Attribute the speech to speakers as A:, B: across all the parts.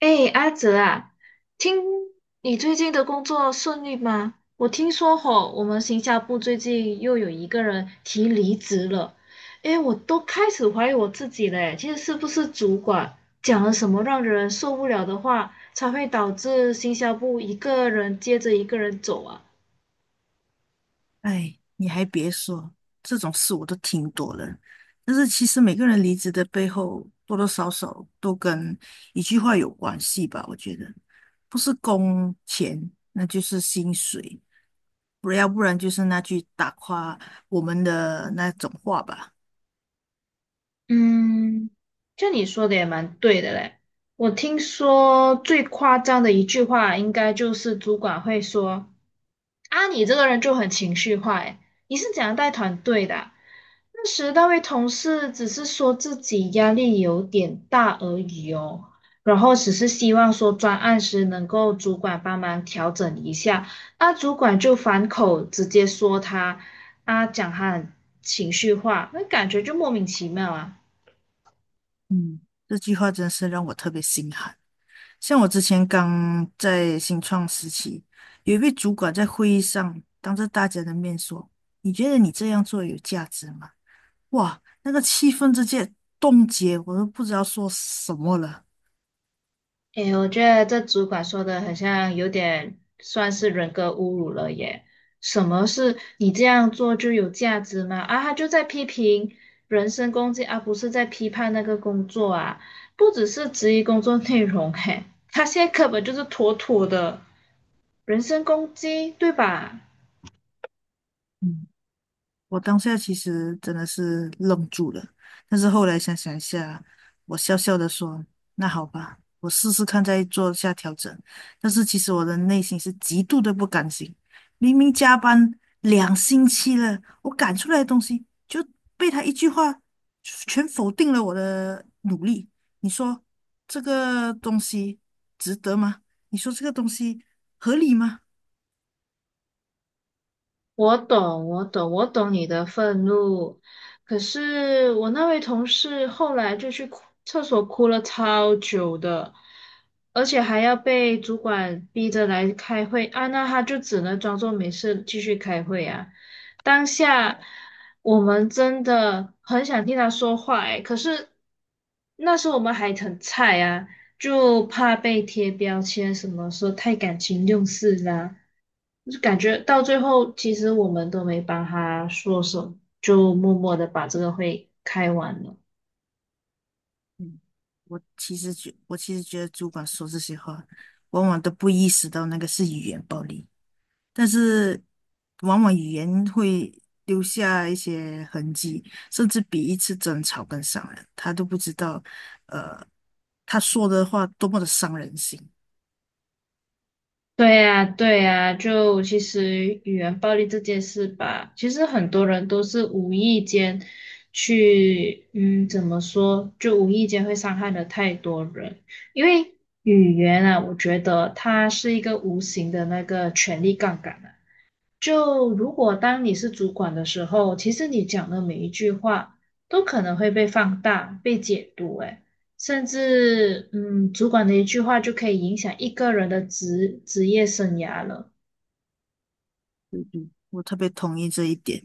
A: 哎，阿泽啊，听你最近的工作顺利吗？我听说吼，我们行销部最近又有一个人提离职了。哎，我都开始怀疑我自己嘞，其实是不是主管讲了什么让人受不了的话，才会导致行销部一个人接着一个人走啊？
B: 哎，你还别说，这种事我都听多了。但是其实每个人离职的背后，多多少少都跟一句话有关系吧？我觉得，不是工钱，那就是薪水，不要不然就是那句打垮我们的那种话吧。
A: 嗯，就你说的也蛮对的嘞。我听说最夸张的一句话，应该就是主管会说："啊，你这个人就很情绪化，诶，你是怎样带团队的啊？"那时那位同事只是说自己压力有点大而已哦，然后只是希望说专案时能够主管帮忙调整一下，那主管就反口直接说他，啊，讲他很情绪化，那感觉就莫名其妙啊。
B: 嗯，这句话真是让我特别心寒。像我之前刚在新创时期，有一位主管在会议上当着大家的面说：“你觉得你这样做有价值吗？”哇，那个气氛直接冻结，我都不知道说什么了。
A: 诶，我觉得这主管说的很像有点算是人格侮辱了耶。什么是你这样做就有价值吗？啊，他就在批评，人身攻击，而、不是在批判那个工作啊。不只是质疑工作内容，嘿，他现在根本就是妥妥的人身攻击，对吧？
B: 嗯。我当下其实真的是愣住了，但是后来想想一下，我笑笑的说：“那好吧，我试试看，再做下调整。”但是其实我的内心是极度的不甘心，明明加班两星期了，我赶出来的东西就被他一句话全否定了我的努力。你说这个东西值得吗？你说这个东西合理吗？
A: 我懂，我懂你的愤怒。可是我那位同事后来就去哭厕所哭了超久的，而且还要被主管逼着来开会啊，那他就只能装作没事继续开会啊。当下我们真的很想听他说话，诶，可是那时候我们还很菜啊。就怕被贴标签，什么说太感情用事啦，就是感觉到最后，其实我们都没帮他说什么，就默默的把这个会开完了。
B: 我其实觉得主管说这些话，往往都不意识到那个是语言暴力，但是往往语言会留下一些痕迹，甚至比一次争吵更伤人。他都不知道，呃，他说的话多么的伤人心。
A: 对呀，对呀，就其实语言暴力这件事吧，其实很多人都是无意间去，嗯，怎么说，就无意间会伤害了太多人。因为语言啊，我觉得它是一个无形的那个权力杠杆啊，就如果当你是主管的时候，其实你讲的每一句话都可能会被放大、被解读，诶，甚至嗯，主管的一句话就可以影响一个人的职业生涯了。
B: 我特别同意这一点。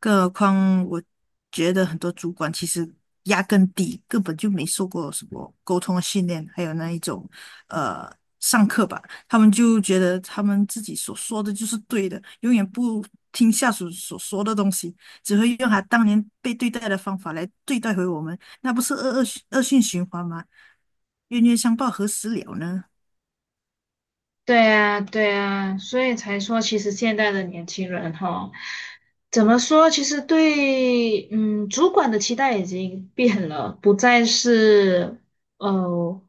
B: 更何况，我觉得很多主管其实压根底根本就没受过什么沟通的训练，还有那一种呃上课吧，他们就觉得他们自己所说的就是对的，永远不听下属所说的东西，只会用他当年被对待的方法来对待回我们，那不是恶性循环吗？冤冤相报何时了呢？
A: 对呀，对呀，所以才说，其实现在的年轻人哈，怎么说？其实对，嗯，主管的期待已经变了，不再是呃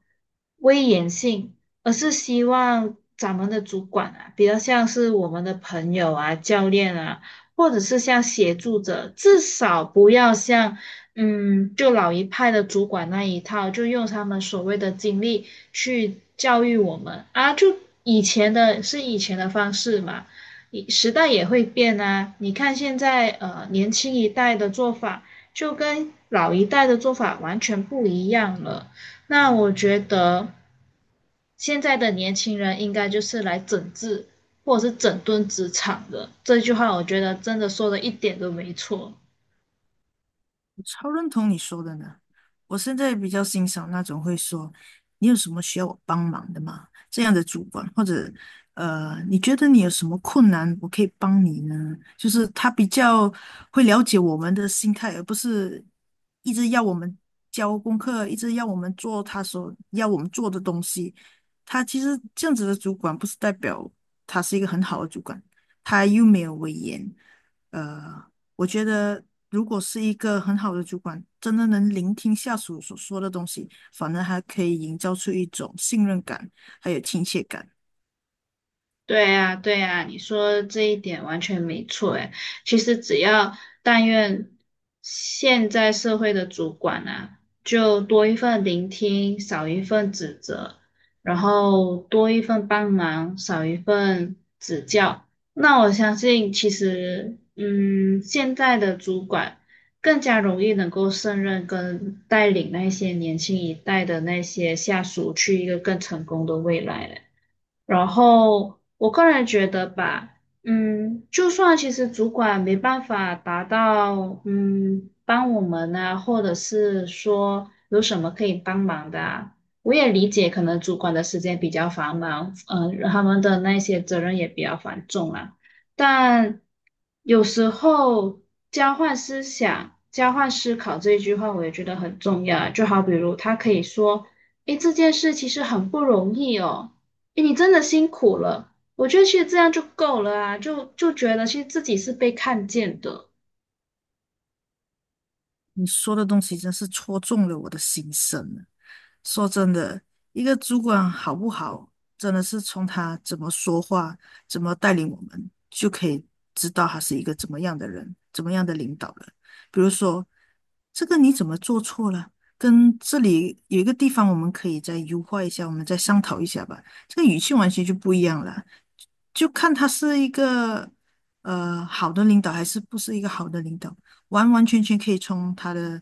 A: 威严性，而是希望咱们的主管啊，比较像是我们的朋友啊、教练啊，或者是像协助者，至少不要像嗯，就老一派的主管那一套，就用他们所谓的经历去教育我们啊，就以前的是以前的方式嘛，以时代也会变啊。你看现在年轻一代的做法，就跟老一代的做法完全不一样了。那我觉得现在的年轻人应该就是来整治或者是整顿职场的，这句话我觉得真的说的一点都没错。
B: 我超认同你说的呢，我现在比较欣赏那种会说“你有什么需要我帮忙的吗”这样的主管，或者你觉得你有什么困难，我可以帮你呢？就是他比较会了解我们的心态，而不是一直要我们交功课，一直要我们做他所要我们做的东西。他其实这样子的主管，不是代表他是一个很好的主管，他又没有威严。呃，我觉得，如果是一个很好的主管，真的能聆听下属所说的东西，反而还可以营造出一种信任感，还有亲切感。
A: 对呀，对呀，你说这一点完全没错哎。其实只要但愿现在社会的主管啊，就多一份聆听，少一份指责，然后多一份帮忙，少一份指教。那我相信，其实，嗯，现在的主管更加容易能够胜任跟带领那些年轻一代的那些下属去一个更成功的未来了。然后我个人觉得吧，嗯，就算其实主管没办法达到，嗯，帮我们啊，或者是说有什么可以帮忙的啊，我也理解，可能主管的时间比较繁忙，嗯、他们的那些责任也比较繁重啦。但有时候交换思想、交换思考这一句话，我也觉得很重要啊。就好比如他可以说。诶，这件事其实很不容易哦，诶你真的辛苦了。我觉得其实这样就够了啊，就觉得其实自己是被看见的。
B: 你说的东西真是戳中了我的心声啊，说真的，一个主管好不好，真的是从他怎么说话、怎么带领我们，就可以知道他是一个怎么样的人、怎么样的领导了。比如说，这个你怎么做错了？跟这里有一个地方我们可以再优化一下，我们再商讨一下吧。这个语气完全就不一样了。就看他是一个好的领导还是不是一个好的领导，完完全全可以从他的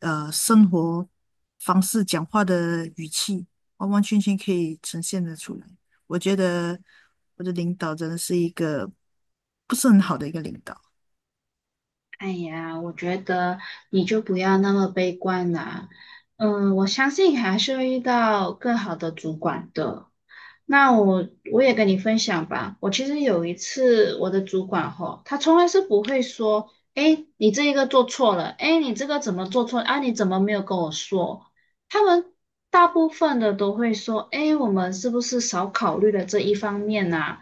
B: 生活方式、讲话的语气，完完全全可以呈现得出来。我觉得我的领导真的是一个不是很好的一个领导。
A: 哎呀，我觉得你就不要那么悲观啦。嗯，我相信还是会遇到更好的主管的。那我也跟你分享吧。我其实有一次，我的主管吼，他从来是不会说，哎，你这一个做错了，哎，你这个怎么做错啊？你怎么没有跟我说？他们大部分的都会说，哎，我们是不是少考虑了这一方面啊？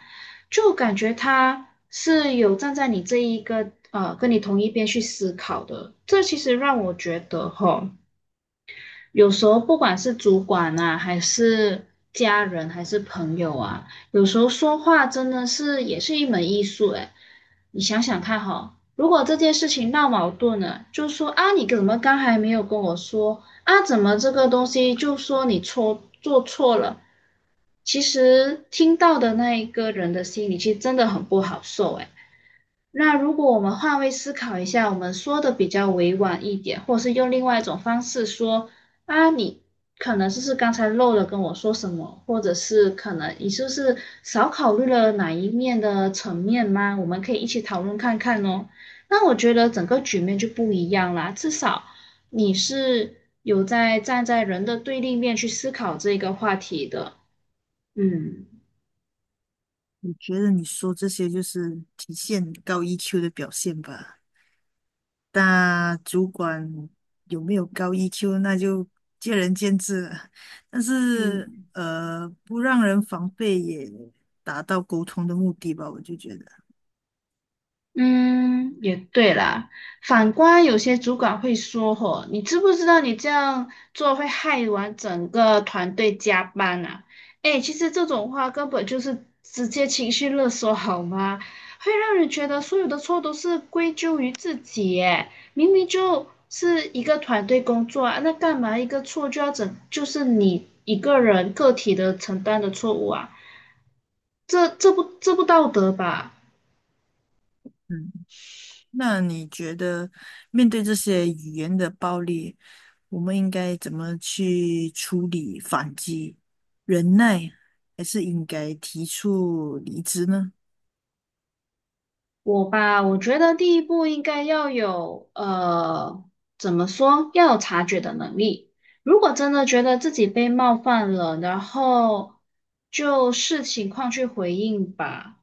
A: 就感觉他。是有站在你这一个跟你同一边去思考的。这其实让我觉得哈，有时候不管是主管啊，还是家人，还是朋友啊，有时候说话真的是也是一门艺术诶。你想想看哈，如果这件事情闹矛盾了，就说啊你怎么刚还没有跟我说啊，怎么这个东西就说你做错了，其实听到的那一个人的心里其实真的很不好受诶。那如果我们换位思考一下，我们说的比较委婉一点，或是用另外一种方式说啊，你可能就是刚才漏了跟我说什么，或者是可能你是不是少考虑了哪一面的层面吗？我们可以一起讨论看看哦。那我觉得整个局面就不一样啦，至少你是有在站在人的对立面去思考这个话题的，嗯。
B: 你觉得你说这些就是体现高 EQ 的表现吧？大主管有没有高 EQ，那就见仁见智了。但是，
A: 嗯。
B: 不让人防备也达到沟通的目的吧，我就觉得。
A: 嗯，也对啦。反观有些主管会说："吼，你知不知道你这样做会害完整个团队加班啊？"哎，其实这种话根本就是直接情绪勒索，好吗？会让人觉得所有的错都是归咎于自己，耶，明明就是一个团队工作啊，那干嘛一个错就要整，就是你一个人个体的承担的错误啊？这不道德吧？
B: 嗯，那你觉得面对这些语言的暴力，我们应该怎么去处理、反击、忍耐，还是应该提出离职呢？
A: 我吧，我觉得第一步应该要有，怎么说，要有察觉的能力。如果真的觉得自己被冒犯了，然后就视情况去回应吧。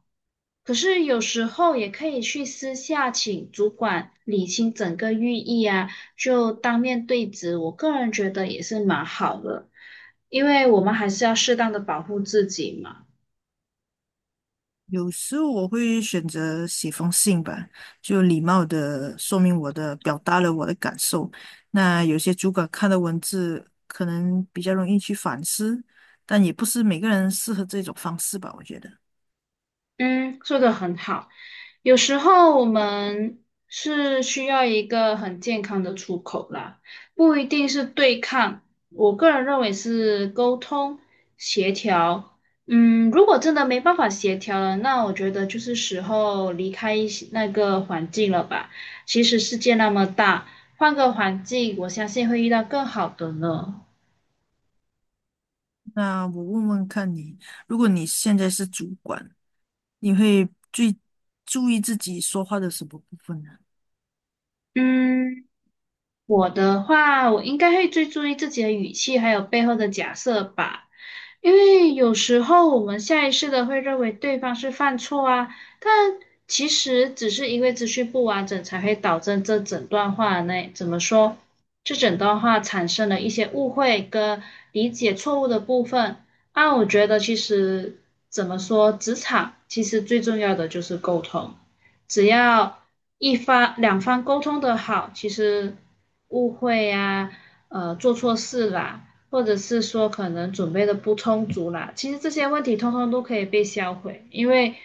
A: 可是有时候也可以去私下请主管理清整个寓意啊，就当面对质，我个人觉得也是蛮好的，因为我们还是要适当的保护自己嘛。
B: 有时候我会选择写封信吧，就礼貌的说明我的，表达了我的感受。那有些主管看的文字可能比较容易去反思，但也不是每个人适合这种方式吧，我觉得。
A: 嗯，说的很好。有时候我们是需要一个很健康的出口啦，不一定是对抗。我个人认为是沟通协调。嗯，如果真的没办法协调了，那我觉得就是时候离开一些那个环境了吧。其实世界那么大，换个环境，我相信会遇到更好的呢。
B: 那我问问看你，如果你现在是主管，你会最注意自己说话的什么部分呢？
A: 嗯。我的话，我应该会最注意自己的语气，还有背后的假设吧。因为有时候我们下意识的会认为对方是犯错啊，但其实只是因为资讯不完整，才会导致这整段话内怎么说，这整段话产生了一些误会跟理解错误的部分。啊，我觉得其实怎么说，职场其实最重要的就是沟通。只要一方两方沟通的好，其实误会啊，做错事啦，或者是说可能准备的不充足啦，其实这些问题通通都可以被销毁，因为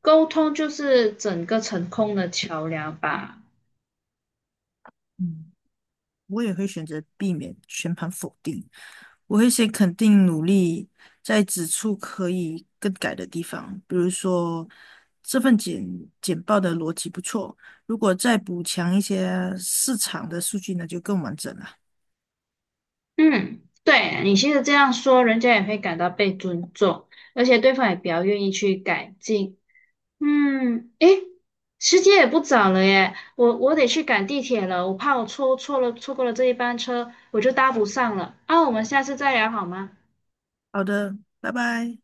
A: 沟通就是整个成功的桥梁吧。
B: 嗯，我也会选择避免全盘否定。我会先肯定努力，在指出可以更改的地方，比如说这份简报的逻辑不错，如果再补强一些市场的数据那就更完整了。
A: 嗯，对，你其实这样说，人家也会感到被尊重，而且对方也比较愿意去改进。嗯，诶，时间也不早了耶，我得去赶地铁了，我怕我错过了这一班车，我就搭不上了。啊，我们下次再聊好吗？
B: 好的，拜拜。